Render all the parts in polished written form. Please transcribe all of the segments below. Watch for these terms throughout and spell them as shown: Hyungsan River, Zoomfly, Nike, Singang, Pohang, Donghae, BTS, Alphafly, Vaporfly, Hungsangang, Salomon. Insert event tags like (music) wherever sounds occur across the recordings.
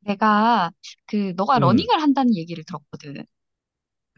내가 그 너가 음, 러닝을 한다는 얘기를 들었거든.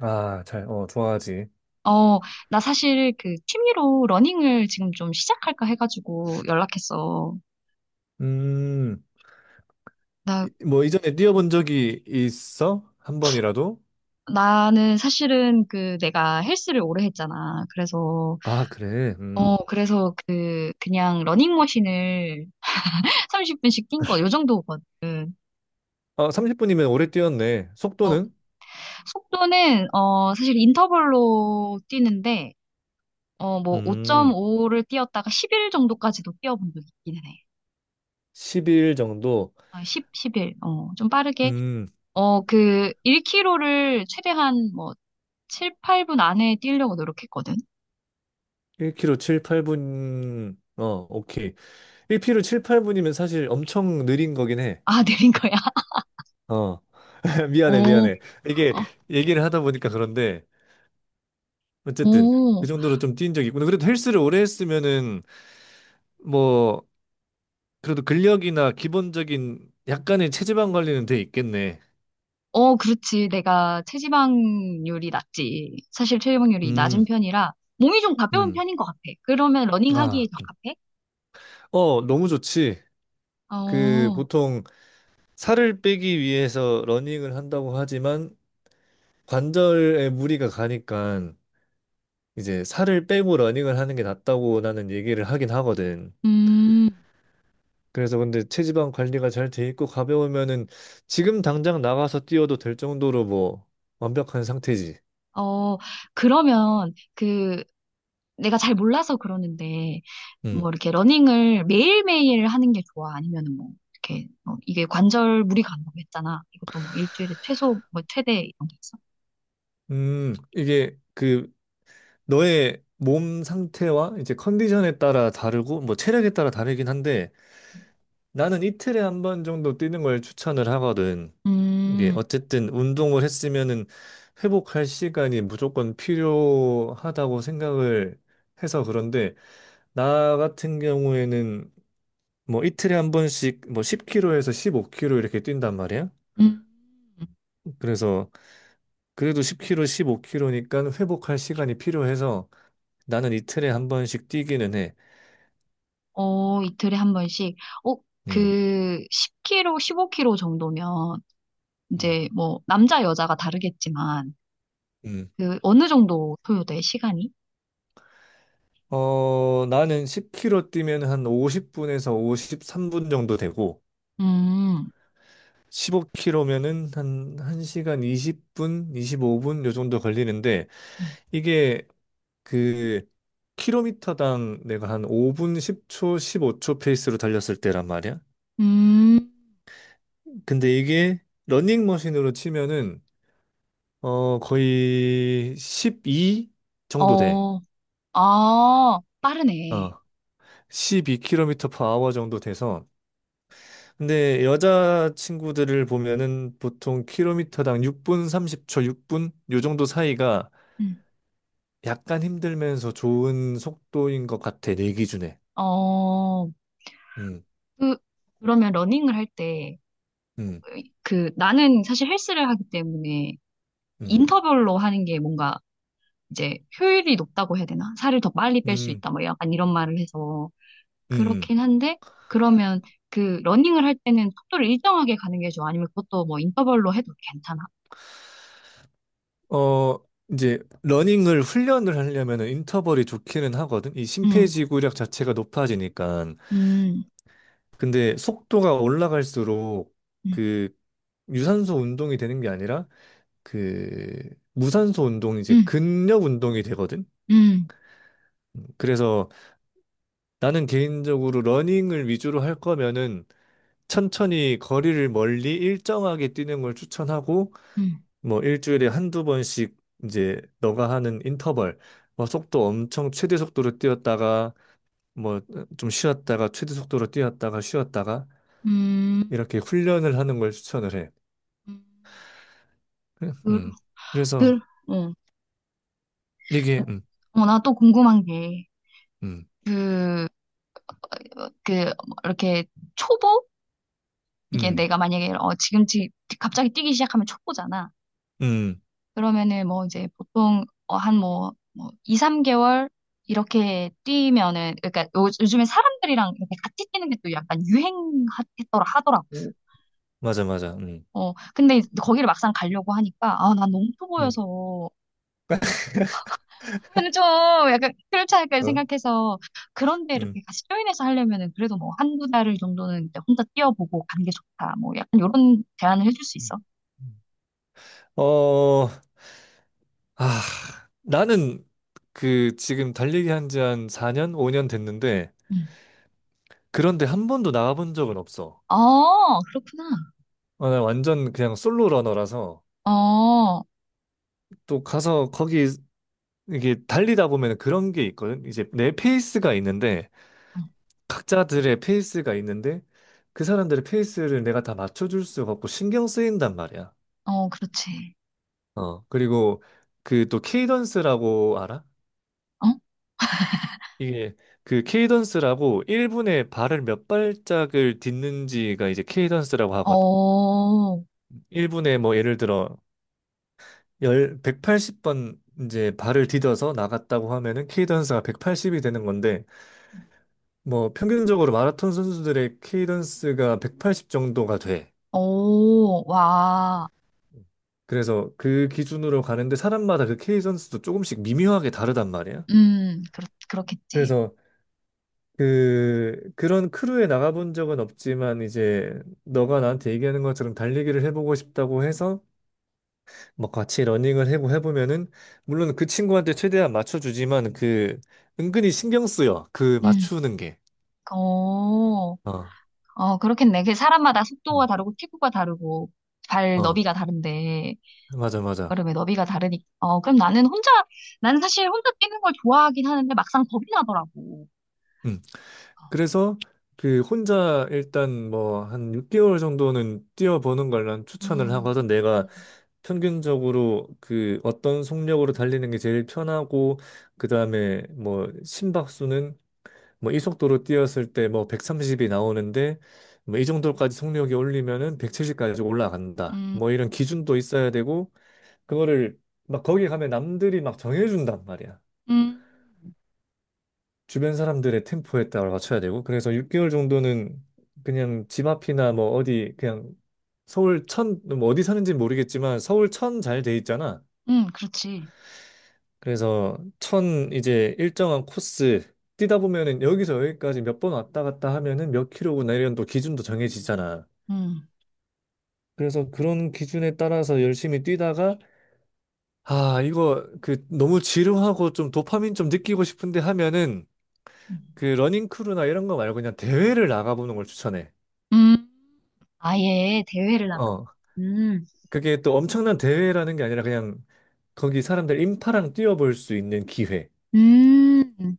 아, 잘, 좋아하지. 어, 나 사실 그 취미로 러닝을 지금 좀 시작할까 해가지고 연락했어. 음, 나 뭐, 이전에 뛰어본 적이 있어? 한 번이라도? 나는 사실은 그 내가 헬스를 오래 했잖아. 그래서 아, 그래. 음. 어 그래서 그 그냥 러닝머신을 (laughs) 30분씩 뛴 거 요 정도거든. 아, 30분이면 오래 뛰었네. 어, 속도는? 속도는 사실 인터벌로 뛰는데 뭐 음, 5.5를 뛰었다가 10일 정도까지도 뛰어본 적이 있기는 해. 10일 정도. 10, 11. 좀 빠르게 음, 그 1 k 로를 최대한 뭐 7, 8분 안에 뛰려고 노력했거든. (laughs) 1km 7, 8분. 오케이. 1km 7, 8분이면 사실 엄청 느린 거긴 해. 아, 내린 거야. 어, (laughs) (laughs) 어, 미안해, 미안해. 이게 얘기를 하다 보니까 그런데, 어쨌든, 그 어, 정도로 좀 뛴 적이 있구나. 그래도 헬스를 오래 했으면은, 뭐 그래도 근력이나 기본적인 약간의 체지방 관리는 돼 있겠네. 어, 그렇지. 내가 체지방률이 낮지. 사실 체지방률이 낮은 음, 편이라 몸이 좀 가벼운 음. 편인 것 같아. 그러면 아, 러닝하기에 적합해? 너무 좋지. 그 어, 보통 살을 빼기 위해서 러닝을 한다고 하지만 관절에 무리가 가니까 이제 살을 빼고 러닝을 하는 게 낫다고 나는 얘기를 하긴 하거든. 음, 그래서 근데 체지방 관리가 잘 돼 있고 가벼우면은 지금 당장 나가서 뛰어도 될 정도로 뭐 완벽한 상태지. 어, 그러면 그 내가 잘 몰라서 그러는데 뭐 음. 이렇게 러닝을 매일매일 하는 게 좋아? 아니면 뭐 이렇게 뭐 이게 관절 무리가 간다고 했잖아. 이것도 뭐 일주일에 최소 뭐 최대 이런 게 있어? 이게 그 너의 몸 상태와 이제 컨디션에 따라 다르고 뭐 체력에 따라 다르긴 한데 나는 이틀에 한 번 정도 뛰는 걸 추천을 하거든. 이게 음, 어쨌든 운동을 했으면은 회복할 시간이 무조건 필요하다고 생각을 해서 그런데 나 같은 경우에는 뭐 이틀에 한 번씩 뭐 10km에서 1 5 k 로 이렇게 뛴단 말이야. 음, 그래서 그래도 10km, 15km니까 회복할 시간이 필요해서 나는 이틀에 한 번씩 뛰기는 해. 어, 이틀에 한 번씩. 어, 음. 그 10kg, 15kg 정도면 음, 이제 뭐 남자 여자가 다르겠지만 음. 그 어느 정도 소요돼 시간이? 나는 10km 뛰면 한 50분에서 53분 정도 되고, 음, 15km면은 한 1시간 20분, 25분 요 정도 걸리는데, 음. 이게 그 킬로미터당 내가 한 5분 10초, 15초 페이스로 달렸을 때란 말이야. 음, 근데 이게 러닝머신으로 치면은 거의 12 정도 돼. 어, 아, 빠르네. 어. 12km per hour 정도 돼서 근데 여자 친구들을 보면은 보통 킬로미터당 6분 30초, 6분 요 정도 사이가 음. 약간 힘들면서 좋은 속도인 것 같아, 내 기준에. 어, 음, 그, 그러면 러닝을 할 때, 음, 나는 사실 헬스를 하기 때문에 음, 인터벌로 하는 게 뭔가 이제 효율이 높다고 해야 되나? 살을 더 빨리 뺄 수 음, 있다, 뭐 약간 이런 말을 해서. 음. 그렇긴 한데, 그러면 그 러닝을 할 때는 속도를 일정하게 가는 게 좋아? 아니면 그것도 뭐 인터벌로 해도 괜찮아? 어, 이제 러닝을 훈련을 하려면은 인터벌이 좋기는 하거든. 이 음, 심폐지구력 자체가 높아지니까. 음, 근데 속도가 올라갈수록 음, 그 유산소 운동이 되는 게 아니라 그 무산소 운동 이제 음, 근력 운동이 되거든. 음, 그래서 나는 개인적으로 러닝을 위주로 할 거면은 천천히 거리를 멀리 일정하게 뛰는 걸 추천하고 음, 뭐 일주일에 한두 번씩 이제 너가 하는 인터벌 뭐 속도 엄청 최대 속도로 뛰었다가 뭐 좀 쉬었다가 최대 속도로 뛰었다가 쉬었다가 음, 이렇게 훈련을 하는 걸 추천을 해. 음. 그래- 그, 음. 그래서 그, 어, 이게 나 또 궁금한 게, 음. 그, 그 이렇게 초보 이게 음. 내가 만약에 지금 갑자기 뛰기 시작하면 초보잖아. 음. 그러면은 뭐 이제 보통 어 한뭐 뭐 2, 3개월 이렇게 뛰면은 그러니까 요즘에 사람들이랑 이렇게 같이 뛰는 게 또 약간 유행했더라 하더라고. 맞아 맞아. 음. 근데 거기를 막상 가려고 하니까 아 난 너무 음. 초보여서 (laughs) 저는 좀 약간 클럽차까지 어? 생각해서 그런데 이렇게 음. 같이 조인해서 하려면은 그래도 뭐 한 두 달 정도는 이제 혼자 뛰어보고 가는 게 좋다. 뭐 약간 이런 제안을 해줄 수 있어? 음. 음. 어, 아, 나는 그 지금 달리기 한지 한 4년, 5년 됐는데 응. 그런데 한 번도 나가본 적은 없어. 어, 그렇구나. 나 완전 그냥 솔로 러너라서 어, 어, 또 가서 거기 이게 달리다 보면 그런 게 있거든. 이제 내 페이스가 있는데 각자들의 페이스가 있는데 그 사람들의 페이스를 내가 다 맞춰줄 수가 없고 신경 쓰인단 말이야. 어, 그렇지. 그리고 그 또 케이던스라고 알아? 어? 이게 그 케이던스라고 1분에 발을 몇 발짝을 딛는지가 이제 케이던스라고 하거든. 어, 1분에 뭐 예를 들어 열 180번 이제 발을 디뎌서 나갔다고 하면은 케이던스가 180이 되는 건데 뭐 평균적으로 마라톤 선수들의 케이던스가 180 정도가 돼. 오, 와. 그래서 그 기준으로 가는데 사람마다 그 케이던스도 조금씩 미묘하게 다르단 말이야. 그렇겠지. 그래서 그 그런 크루에 나가본 적은 없지만 이제 너가 나한테 얘기하는 것처럼 달리기를 해보고 싶다고 해서 뭐 같이 러닝을 해고 해보면은 물론 그 친구한테 최대한 맞춰주지만 그 은근히 신경 쓰여 그 음, 맞추는 게 어, 어 어, 그렇겠네. 그 사람마다 어 속도가 다르고 피부가 다르고 발 어, 너비가 다른데. 맞아 맞아 여름에 너비가 다르니까. 어, 그럼 나는 사실 혼자 뛰는 걸 좋아하긴 하는데 막상 겁이 나더라고. 응. 그래서 그 혼자 일단 뭐 한 6개월 정도는 뛰어보는 걸 난 추천을 음, 하거든. 내가 음, 평균적으로 그 어떤 속력으로 달리는 게 제일 편하고 그다음에 뭐 심박수는 뭐 이 속도로 뛰었을 때 뭐 130이 나오는데 뭐 이 정도까지 속력이 올리면은 170까지 올라간다. 음, 뭐 이런 기준도 있어야 되고 그거를 막 거기 가면 남들이 막 정해준단 말이야. 음, 주변 사람들의 템포에 따라 맞춰야 되고 그래서 6개월 정도는 그냥 집 앞이나 뭐 어디 그냥 서울 천 뭐 어디 사는지 모르겠지만 서울 천 잘 돼 있잖아. 그렇지. 그래서 천 이제 일정한 코스 뛰다 보면은 여기서 여기까지 몇 번 왔다 갔다 하면은 몇 킬로구나 이런 또 기준도 정해지잖아. 음, 그래서 그런 기준에 따라서 열심히 뛰다가 아 이거 그 너무 지루하고 좀 도파민 좀 느끼고 싶은데 하면은 음. 그 러닝 크루나 이런 거 말고 그냥 대회를 나가보는 걸 추천해. 음. 아예 대회를 나가. 어, 음, 그게 또 엄청난 대회라는 게 아니라 그냥 거기 사람들 인파랑 뛰어볼 수 있는 기회. 음.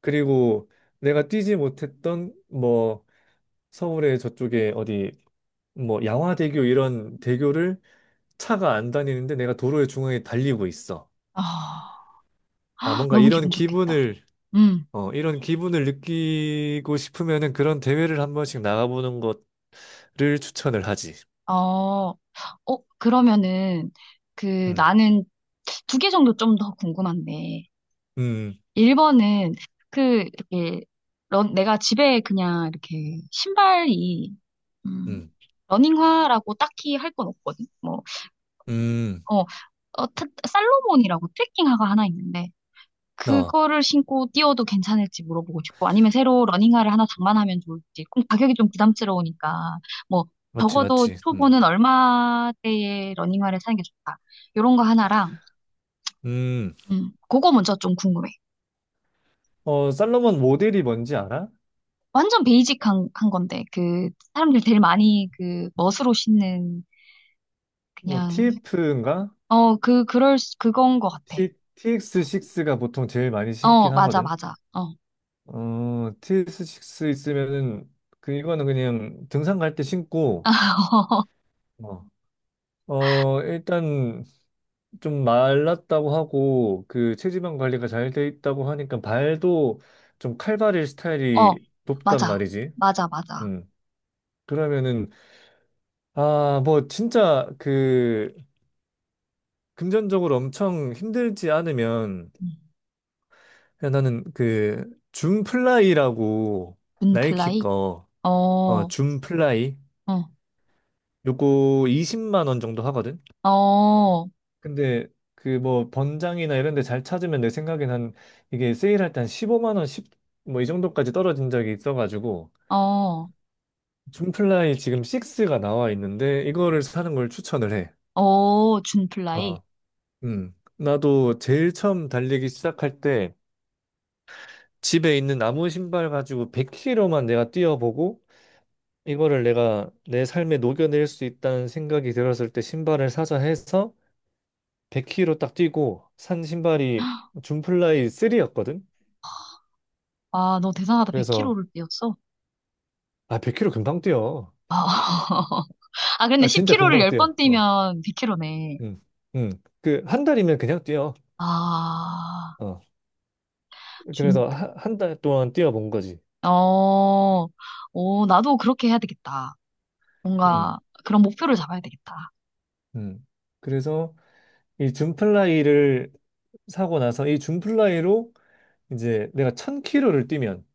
그리고 내가 뛰지 못했던 뭐 서울의 저쪽에 어디 뭐 양화대교 이런 대교를 차가 안 다니는데 내가 도로의 중앙에 달리고 있어. 아, 아, 뭔가 너무 기분 좋겠다. 음, 이런 기분을 느끼고 싶으면은 그런 대회를 한 번씩 나가보는 것을 추천을 하지. 어, 어, 그러면은, 음, 나는 두 개 정도 좀 더 궁금한데, 음, 1번은 그 이렇게 내가 집에 그냥 이렇게 신발이 음, 음, 러닝화라고 딱히 할 건 없거든. 뭐 음, 어, 살로몬이라고 트레킹화가 하나 있는데 어, 그거를 신고 뛰어도 괜찮을지 물어보고 싶고 아니면 새로 러닝화를 하나 장만하면 좋을지. 그럼 가격이 좀 부담스러우니까 뭐 맞지, 적어도 맞지. 초보는 얼마대의 러닝화를 사는 게 좋다. 요런 거 하나랑 음. 그거 먼저 좀 궁금해. 살로몬 모델이 뭔지 알아? 완전 베이직한 한 건데 그 사람들 제일 많이 그 멋으로 신는 뭐, 그냥 TF인가? 그건 것 같아. T, x 6가 보통 제일 많이 어 어, 신긴 맞아 하거든. 맞아 어 TX6 있으면은, 그, 이거는 그냥 등산 갈 때 신고, (laughs) 어, 일단 좀 말랐다고 하고, 그, 체지방 관리가 잘 돼 있다고 하니까 발도 좀 칼발일 어, 스타일이 높단 맞아 말이지. 맞아 맞아 음. 그러면은, 아, 뭐, 진짜 그, 금전적으로 엄청 힘들지 않으면, 음. 야, 나는 그 줌플라이라고 나이키 준플라이 거 줌플라이 어어어 어 어 요거 20만 원 정도 하거든. 근데 그 뭐 번장이나 이런 데 잘 찾으면 내 생각엔 한 이게 세일할 때 한 15만 원, 10, 뭐 이 정도까지 떨어진 적이 있어가지고 줌플라이 지금 6가 나와 있는데 이거를 사는 걸 추천을 해. 준플라이 어, 나도 제일 처음 달리기 시작할 때 집에 있는 나무 신발 가지고 100km만 내가 뛰어보고 이거를 내가 내 삶에 녹여낼 수 있다는 생각이 들었을 때 신발을 사자 해서 100km 딱 뛰고 산 신발이 줌플라이 3였거든. 아 너 대단하다 그래서 100kg를 뛰었어. 아 100km 금방 뛰어. (laughs) 아 근데 아 진짜 10kg를 금방 뛰어. 10번 어, 뛰면 100kg네. 음, 음. 그 한 달이면 그냥 뛰어. 아 어, 그래서 한 달 동안 뛰어본 거지. 어, 어, 나도 그렇게 해야 되겠다. 음, 뭔가 그런 목표를 잡아야 되겠다. 음. 그래서 이 줌플라이를 사고 나서 이 줌플라이로 이제 내가 1000k 를 뛰면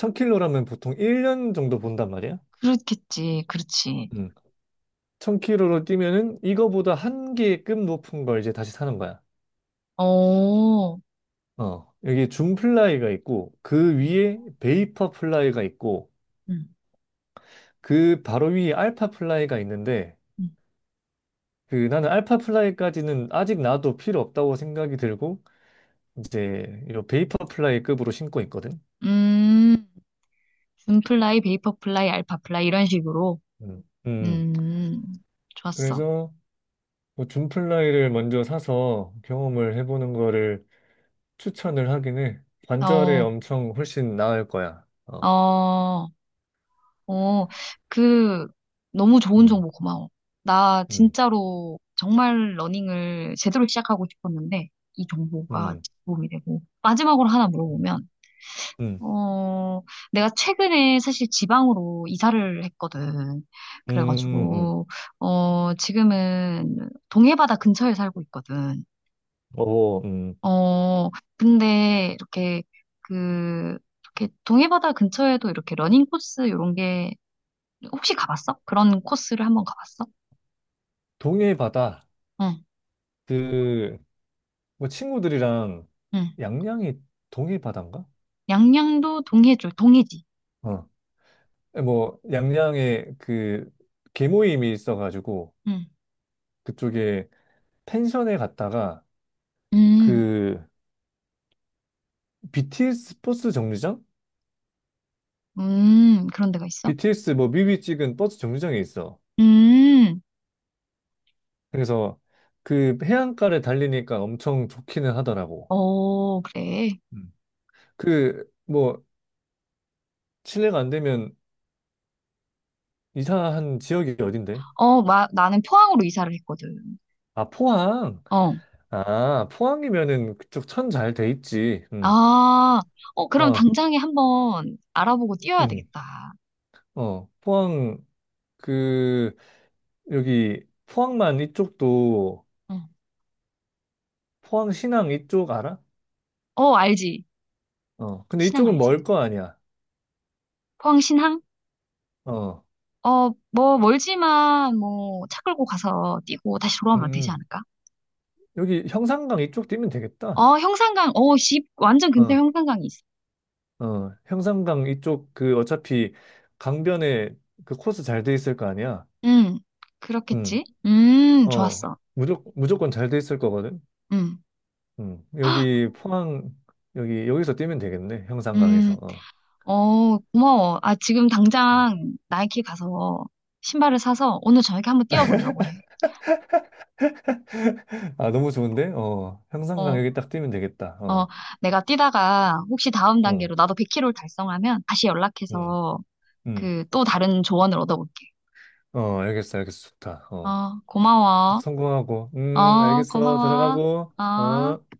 1000k 라면 보통 1년 정도 본단 말이야. 그렇겠지, 그렇지. 음. 1000km로 뛰면은 이거보다 한 개급 높은 걸 이제 다시 사는 거야. 어, 여기 줌 플라이가 있고 그 위에 베이퍼 플라이가 있고 음, 그 바로 위에 알파 플라이가 있는데 음, 그 나는 알파 플라이까지는 아직 나도 필요 없다고 생각이 들고 이제 이 베이퍼 플라이급으로 신고 있거든. 음, 준플라이, 베이퍼플라이, 알파플라이 이런 식으로. 음, 음. 음, 좋았어. 그래서 뭐 줌 플라이를 먼저 사서 경험을 해보는 거를 추천을 하긴 해. 관절에 어, 엄청 훨씬 나을 거야. 어, 어, 어, 그 너무 좋은 음, 정보 고마워. 나 음. 진짜로 정말 러닝을 제대로 시작하고 싶었는데 이 정보가 음. 도움이 되고 마지막으로 하나 물어보면. 음, 어, 내가 최근에 사실 지방으로 이사를 했거든. 음. 그래가지고, 지금은 동해바다 근처에 살고 있거든. 어, 어, 근데 그, 이렇게 동해바다 근처에도 이렇게 러닝 코스 이런 게 혹시 가봤어? 그런 코스를 한번 가봤어? 동해 바다. 응, 그, 뭐 친구들이랑 응. 양양이 동해 바다인가? 양양도 동해 쪽, 동해지. 어. 예, 뭐 양양에 그 개모임이 있어가지고 응, 그쪽에 펜션에 갔다가 음, 그 BTS 버스 정류장? 그런 데가 있어? BTS 뭐 뮤비 찍은 버스 정류장에 있어. 음, 그래서 그 해안가를 달리니까 엄청 좋기는 하더라고. 어, 그래. 음. 그 뭐 실례가 안 되면 이사한 지역이 어딘데? 어, 나는 포항으로 이사를 했거든. 아, 포항. 어. 아, 포항이면은 그쪽 천 잘 돼 있지. 응. 아, 어, 그럼 어, 당장에 한번 알아보고 뛰어야 응. 되겠다. 어, 포항, 그, 여기, 포항만 이쪽도, 응. 포항 신항 이쪽 알아? 어, 알지. 근데 신항 이쪽은 알지. 멀 거 아니야. 포항 신항? 어, 어, 뭐, 멀지만, 뭐, 차 끌고 가서 뛰고 다시 돌아오면 되지 음. 않을까? 여기 형산강 이쪽 뛰면 되겠다. 형산강, 집, 완전 근처 어, 형산강이 있어. 형산강 이쪽 그 어차피 강변에 그 코스 잘 돼 있을 거 아니야. 응, 응. 그렇겠지? 어, 좋았어. 무조건 잘 돼 있을 거거든. 음, 여기 포항, 여기서 뛰면 되겠네. 형산강에서. 음, 어. 어, 고마워. 아, 지금 음. 당장 나이키 가서 신발을 사서 오늘 저녁에 한번 뛰어보려고 해. 아, 너무 좋은데? 형산강 어. 여기 딱 뛰면 되겠다. 어, 어, 내가 뛰다가 혹시 다음 단계로 어, 나도 100km를 달성하면 다시 음, 연락해서 음. 그 또 다른 조언을 얻어볼게. 어, 알겠어, 알겠어. 좋다. 어, 어, 꼭 고마워. 성공하고. 어, 알겠어. 고마워. 들어가고. 어. 어.